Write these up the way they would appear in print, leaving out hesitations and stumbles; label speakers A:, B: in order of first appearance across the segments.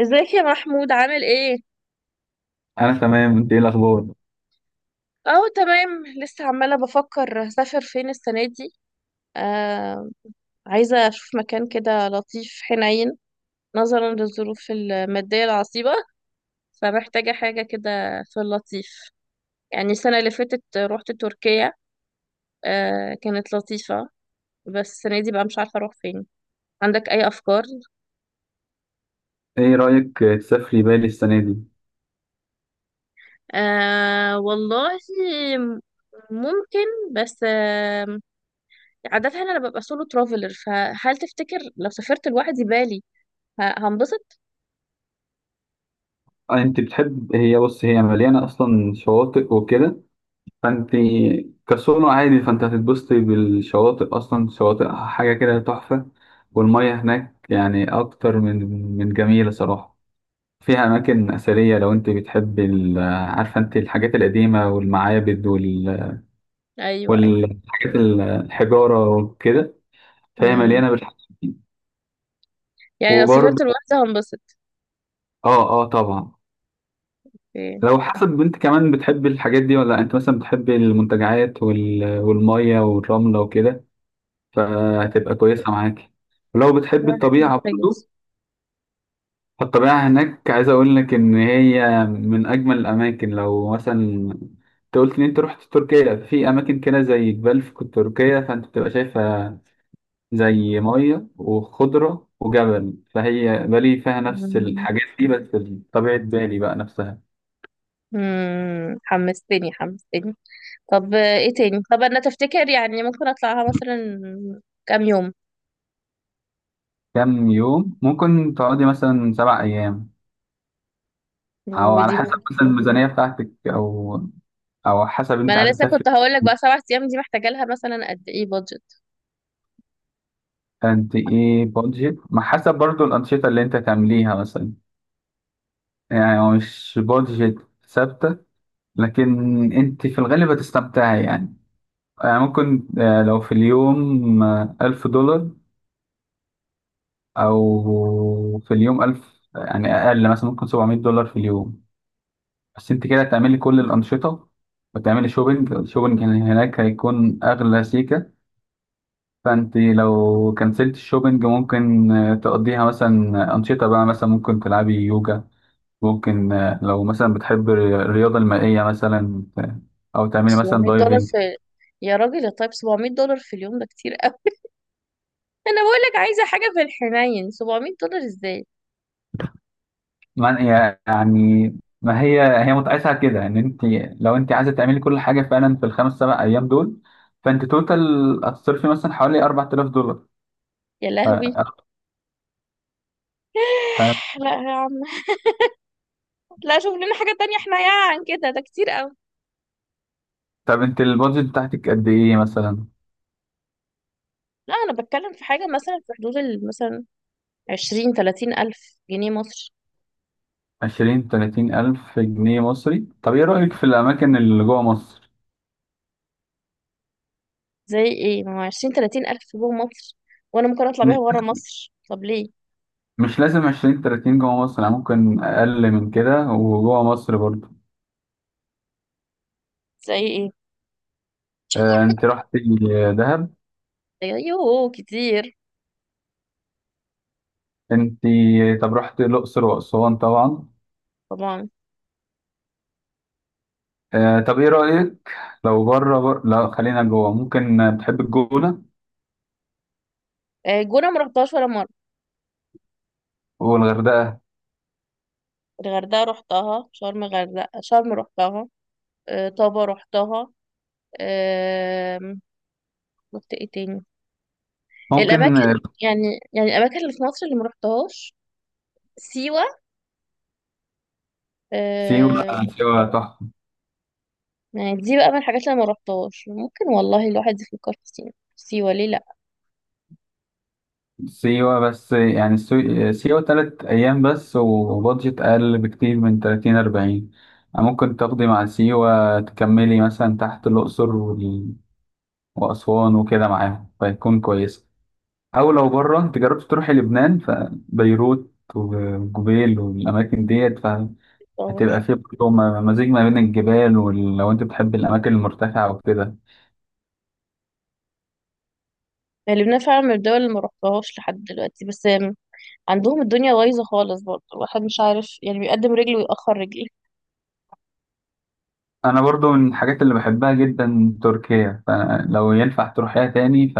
A: ازيك يا محمود، عامل ايه؟
B: انا تمام. انت ايه الاخبار؟
A: اه، تمام. لسه عمالة بفكر هسافر فين السنة دي. آه. عايزة اشوف مكان كده لطيف حنين، نظرا للظروف المادية العصيبة، فمحتاجة حاجة كده في اللطيف. يعني السنة اللي فاتت روحت تركيا. آه، كانت لطيفة. بس السنة دي بقى مش عارفة اروح فين. عندك اي افكار؟
B: ايه رايك تسافري بالي السنه دي؟
A: آه والله، ممكن. بس عادة أنا ببقى سولو ترافلر، فهل تفتكر لو سافرت لوحدي بالي هنبسط؟
B: انت بتحب. هي بص، هي مليانه اصلا شواطئ وكده. فانت كسولو عادي. فانت هتتبسطي بالشواطئ، اصلا شواطئ حاجه كده تحفه. والميه هناك يعني اكتر من جميله صراحه. فيها اماكن اثريه لو انت بتحب عارفه انت الحاجات القديمه والمعابد
A: أيوه، أيوه.
B: والحاجات الحجاره وكده، فهي
A: مم.
B: مليانه بالحاجات.
A: يعني لو سافرت
B: وبرضه
A: لوحدي هنبسط.
B: اه، اه، طبعا.
A: اوكي.
B: لو حسب انت كمان بتحب الحاجات دي ولا لأ. انت مثلا بتحب المنتجعات والمية والرملة وكده، فهتبقى كويسة معاك. ولو بتحب
A: لا،
B: الطبيعة برضو، فالطبيعة هناك. عايز اقول لك ان هي من اجمل الاماكن. لو مثلا انت قلت ان انت رحت تركيا، في اماكن كده زي جبال في تركيا فانت بتبقى شايفها زي مية وخضرة وجبل، فهي بالي فيها نفس
A: مم.
B: الحاجات دي بس. طبيعة بالي بقى نفسها.
A: مم، حمستني حمستني. طب، ايه تاني؟ طب أنا تفتكر يعني ممكن أطلعها مثلا كام يوم؟
B: كام يوم ممكن تقعدي؟ مثلا 7 أيام، أو على
A: ودي.
B: حسب مثلا الميزانية بتاعتك، أو حسب
A: ما
B: أنت
A: أنا
B: عايزة
A: لسه كنت
B: تسافري.
A: هقول لك، بقى 7 أيام دي محتاجة لها مثلا قد إيه بادجت؟
B: أنت إيه بادجت؟ ما حسب برضو الأنشطة اللي أنت تعمليها مثلا. يعني هو مش بادجت ثابتة، لكن أنت في الغالب هتستمتعي يعني. يعني ممكن لو في اليوم 1000 دولار، أو في اليوم ألف، يعني أقل مثلا ممكن 700 دولار في اليوم. بس انت كده هتعملي كل الانشطه وتعملي شوبينج. الشوبينج هناك هيكون اغلى سيكه، فانت لو كنسلت الشوبينج ممكن تقضيها مثلا انشطه، بقى مثلا ممكن تلعبي يوجا، ممكن لو مثلا بتحب الرياضه المائيه مثلا، او تعملي مثلا
A: $700
B: دايفنج.
A: في... يا راجل يا طيب، $700 في اليوم ده كتير. انا بقولك عايزه حاجه في الحنين، $700 ازاي؟
B: يعني يعني ما هي متقاسه على كده ان انت لو انت عايزه تعملي كل حاجه فعلا في الخمس سبع ايام دول، فانت توتال هتصرفي مثلا حوالي 4000 دولار.
A: يا لهوي.
B: ف...
A: لا يا عم. لا، شوف لنا حاجه تانية حنينه عن كده، ده كتير قوي.
B: طب انت البادجت بتاعتك قد ايه مثلا؟
A: لا، انا بتكلم في حاجه مثلا في حدود مثلا 20 30 الف جنيه مصر.
B: عشرين تلاتين ألف جنيه مصري؟ طب ايه رأيك في الأماكن اللي جوه مصر؟
A: زي ايه؟ ما هو 20 30 الف جوه مصر وانا ممكن اطلع بيها
B: مش
A: بره مصر، طب ليه؟
B: مش لازم عشرين تلاتين جوه مصر، يعني ممكن أقل من كده وجوه مصر برضو.
A: زي ايه؟
B: آه، انت رحت دهب.
A: ايوه، كتير.
B: انت طب رحت الأقصر وأسوان طبعا.
A: طبعا.
B: آه، طب ايه رأيك؟ لو بره لا، خلينا جوه. ممكن بتحب الجونة
A: جونه ما رحتهاش ولا مره.
B: والغردقة.
A: الغردقه رحتها، شرم غردقه شرم رحتها. طابا رحتها. آم، رحت ايه تاني؟
B: ممكن
A: الاماكن. يعني الاماكن اللي في مصر اللي ما رحتهاش، سيوه.
B: سيوة.
A: آه.
B: سيوة تحفة.
A: يعني دي بقى من الحاجات اللي ما رحتهاش. ممكن والله الواحد يفكر في سيوه، سيوه ليه لا.
B: سيوة، بس يعني سيوة 3 أيام بس، وبادجت أقل بكتير من تلاتين أربعين. يعني ممكن تاخدي مع سيوة تكملي مثلا تحت الأقصر وأسوان وكده معاهم، فيكون كويس. أو لو بره، أنت جربت تروحي لبنان، فبيروت وجبيل والأماكن ديت، فهتبقى
A: رحتهاش.
B: فيه برضه مزيج ما بين الجبال، ولو أنت بتحب الأماكن المرتفعة وكده.
A: يعني لبنان فعلا من الدول اللي ما رحتهاش لحد دلوقتي، بس عندهم الدنيا بايظه خالص، برضه الواحد مش عارف يعني بيقدم رجل ويأخر رجل.
B: أنا برضه من الحاجات اللي بحبها جدا تركيا، فلو ينفع تروحيها تاني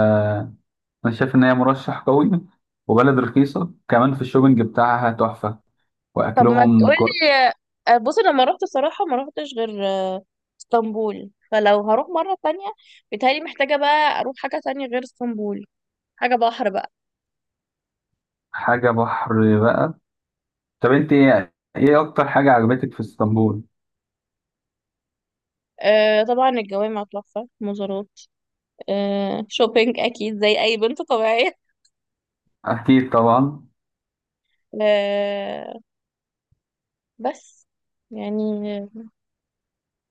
B: انا شايف ان هي مرشح قوي، وبلد رخيصه كمان، في الشوبينج بتاعها تحفه،
A: طب ما
B: واكلهم
A: تقولي. بصي، لما رحت صراحه ما رحتش غير اسطنبول. فلو هروح مره تانية، بيتهيألي محتاجه بقى اروح حاجه تانية غير اسطنبول، حاجه بحر بقى.
B: حاجه بحر بقى. طب انت إيه اكتر حاجه عجبتك في اسطنبول؟
A: آه طبعا، الجوامع تحفة، مزارات. آه، شوبينج أكيد زي أي بنت طبيعية.
B: اكيد طبعا.
A: آه، بس يعني، آه،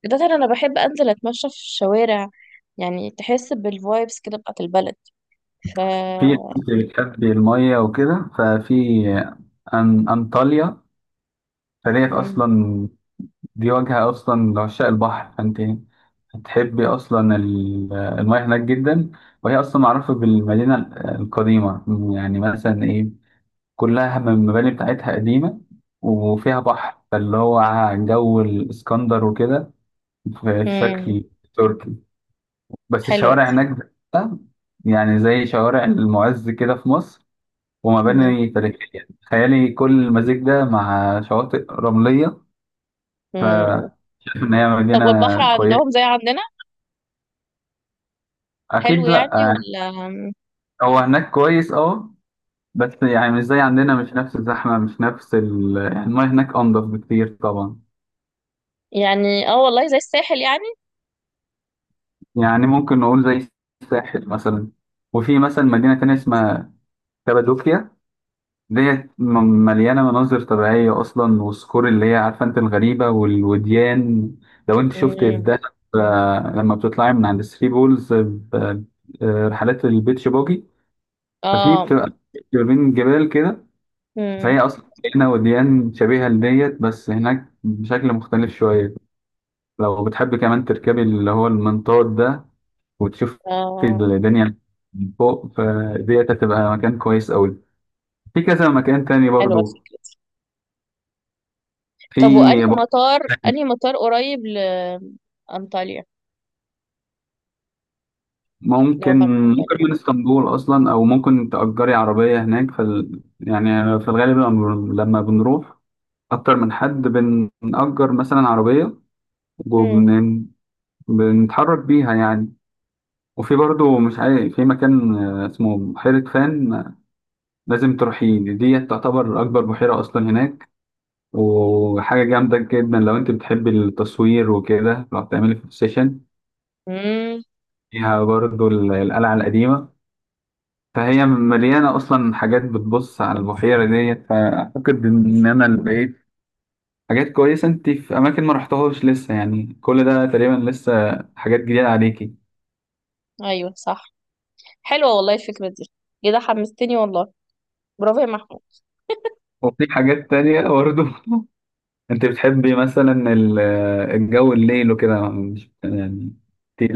A: ده ترى أنا بحب أنزل أتمشى في الشوارع. يعني تحس بالفايبس كده بتاعت البلد. ف
B: في انت بتحبي الميه وكده ففي انطاليا، فديت
A: مم.
B: اصلا. دي واجهه اصلا لعشاق البحر، فانت هتحبي اصلا المياه هناك جدا. وهي اصلا معروفه بالمدينه القديمه، يعني مثلا ايه، كلها من المباني بتاعتها قديمة، وفيها بحر فاللي هو جو الإسكندر وكده، في
A: مم.
B: شكل تركي. بس
A: حلوة
B: الشوارع
A: دي.
B: هناك بقى، يعني زي شوارع المعز كده في مصر،
A: مم.
B: ومباني تاريخية، تخيلي كل المزيج ده مع شواطئ رملية.
A: مم.
B: فشايف إن هي
A: طب والبحر
B: مدينة
A: عندهم
B: كويسة.
A: زي عندنا؟ حلو
B: أكيد لأ
A: يعني
B: يعني،
A: ولا؟
B: هو هناك كويس أه، بس يعني مش زي عندنا، مش نفس الزحمة، مش نفس يعني المياه هناك أنضف بكتير طبعا.
A: يعني اه والله زي الساحل يعني.
B: يعني ممكن نقول زي الساحل مثلا. وفي مثلا مدينة تانية اسمها كابادوكيا، ديت مليانة مناظر طبيعية أصلا، والصخور اللي هي عارفة أنت الغريبة والوديان. لو أنت شفت في
A: مم.
B: دهب، لما بتطلعي من عند الثري بولز، رحلات البيتش باجي، ففي
A: اه.
B: بتبقى ما بين جبال كده.
A: مم.
B: فهي أصلا هنا وديان شبيهة لديت، بس هناك بشكل مختلف شوية. لو بتحب كمان تركبي اللي هو المنطاد ده وتشوف
A: اه،
B: الدنيا من فوق، فديت هتبقى مكان كويس أوي. في كذا مكان تاني
A: حلوة
B: برضو.
A: الفكرة.
B: في
A: طب وأنهي
B: ب-
A: مطار، أنهي مطار قريب لأنطاليا لو
B: ممكن
A: هروح أنطاليا
B: ممكن
A: بقى؟
B: من اسطنبول أصلا، أو ممكن تأجري عربية هناك يعني في الغالب لما بنروح أكتر من حد بنأجر مثلا عربية،
A: مم.
B: وبن بنتحرك بيها يعني. وفي برضو مش عارف في مكان اسمه بحيرة فان، لازم تروحي دي. تعتبر أكبر بحيرة أصلا هناك، وحاجة جامدة جدا لو انت بتحبي التصوير وكده، لو هتعملي فوتو سيشن.
A: مم.
B: فيها برضو القلعة القديمة، فهي مليانة أصلا حاجات بتبص على البحيرة ديت. فأعتقد إن أنا اللي بقيت حاجات كويسة. انت في أماكن ما رحتهاش لسه، يعني كل ده تقريبا لسه حاجات جديدة عليكي.
A: أيوه، صح. حلوة والله الفكرة دي، كده حمستني والله. برافو يا محمود.
B: وفي حاجات تانية برضو. انت بتحبي مثلا الجو الليل وكده، مش يعني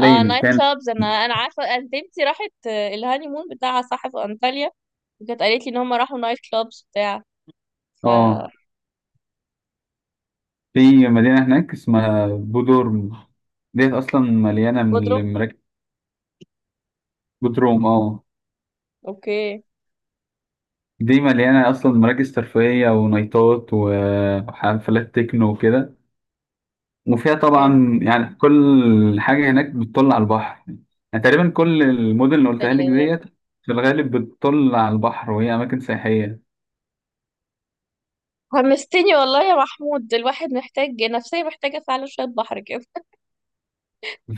A: اه، نايت
B: كان.
A: كلابز، انا عارفه انت بنتي راحت الهاني مون بتاعها صح في انطاليا، وكانت قالت لي ان هم راحوا نايت كلابز بتاع... ف
B: اه في مدينة هناك اسمها بودورم، ديت أصلا مليانة من
A: قدروا.
B: المراكز. بودروم، اه.
A: اوكي.
B: دي مليانة أصلا مراكز ترفيهية ونايتات وحفلات تكنو وكده. وفيها
A: اوكي.
B: طبعا يعني كل حاجة هناك بتطل على البحر. يعني تقريبا كل المدن اللي قلتها لك
A: سلام.
B: ديت في الغالب بتطل على البحر، وهي أماكن سياحية.
A: حمستني والله يا محمود، الواحد محتاج نفسية، محتاجة فعلا شوية بحر كده.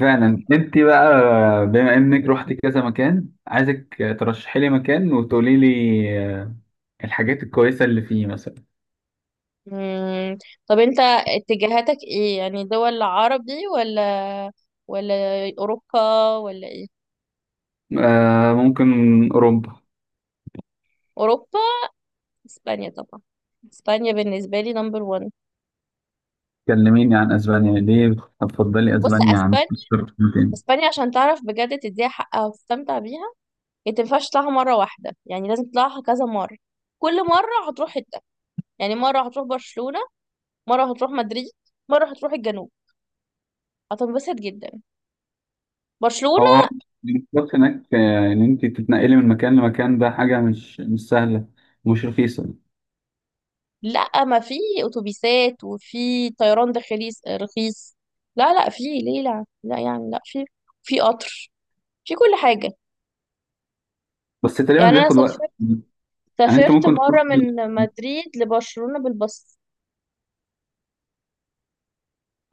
B: فعلا انت بقى، بما انك رحت كذا مكان، عايزك ترشحي لي مكان وتقولي لي الحاجات الكويسة اللي فيه مثلا.
A: مم. طب انت اتجاهاتك ايه، يعني دول عربي ولا ولا اوروبا ولا ايه؟
B: آه ممكن أوروبا.
A: اوروبا. اسبانيا طبعا، اسبانيا بالنسبه لي نمبر 1.
B: كلميني عن اسبانيا. ليه هتفضلي
A: بص،
B: اسبانيا عن
A: اسبانيا
B: مصر تاني؟
A: اسبانيا عشان تعرف بجد تديها حقها وتستمتع بيها. انت مينفعش تطلعها مره واحده، يعني لازم تطلعها كذا مره. كل مره هتروح حته، يعني مره هتروح برشلونه، مره هتروح مدريد، مره هتروح الجنوب. هتنبسط جدا.
B: اه،
A: برشلونه.
B: المواصلات هناك، إن أنت تتنقلي من مكان لمكان، ده حاجة مش سهلة ومش رخيصة.
A: لا، ما في اتوبيسات وفي طيران داخلي رخيص. لا لا، في ليه، لا لا يعني، لا، في في قطر، في كل حاجة.
B: بس تقريبا
A: يعني انا
B: بياخد وقت.
A: سافرت
B: يعني أنت
A: سافرت
B: ممكن تروح،
A: مرة من مدريد لبرشلونة بالباص.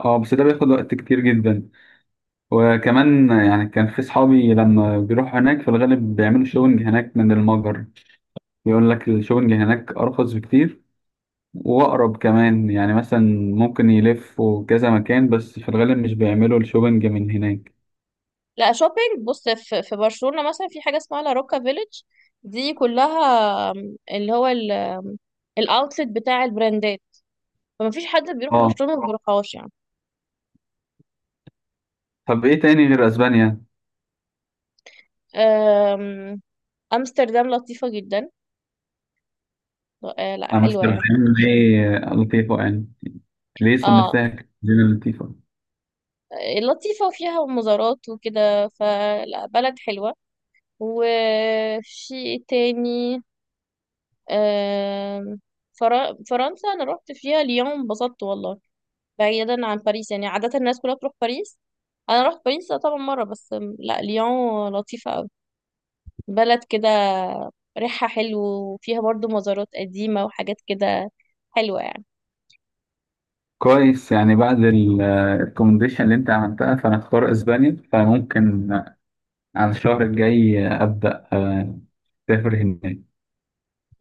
B: اه بس ده بياخد وقت كتير جدا. وكمان يعني كان في صحابي لما بيروحوا هناك في الغالب بيعملوا شوبنج هناك من المجر، يقول لك الشوبنج هناك أرخص بكتير واقرب كمان، يعني مثلا ممكن يلفوا كذا مكان، بس في الغالب مش بيعملوا الشوبينج من هناك.
A: لا، شوبينج بص، في برشلونة مثلا في حاجة اسمها لا روكا فيليج، دي كلها اللي هو الاوتلت بتاع البراندات. فما فيش حد بيروح
B: اه،
A: برشلونة ما بيروحهاش يعني.
B: طب ايه تاني غير اسبانيا؟
A: آم، امستردام لطيفة جدا. لا حلوة
B: امستردام.
A: يعني.
B: ليه لطيفة يعني؟ ليه
A: اه،
B: صنفتها كمدينة لطيفة؟
A: لطيفة وفيها مزارات وكده، فلا بلد حلوة. وفي إيه تاني؟ آم، فرنسا أنا روحت فيها ليون انبسطت والله، بعيدا عن باريس يعني عادة الناس كلها بتروح باريس، أنا روحت باريس طبعا مرة. بس لا، ليون لطيفة أوي، بلد كده ريحها حلو وفيها برضو مزارات قديمة وحاجات كده حلوة يعني.
B: كويس، يعني بعد الريكومنديشن اللي انت عملتها فانا اختار اسبانيا. فممكن على الشهر الجاي ابدا، اسافر هناك.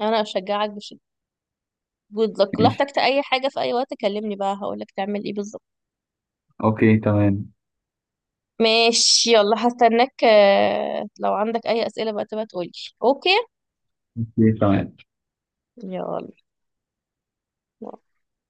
A: أنا أشجعك بشدة. good luck، لو
B: ماشي.
A: احتجت أي حاجة في أي وقت كلمني بقى هقولك تعمل إيه بالظبط.
B: اوكي تمام.
A: ماشي. يلا، هستناك، لو عندك اي اسئلة بقى تبقى تقولي. اوكي.
B: اوكي تمام.
A: يلا.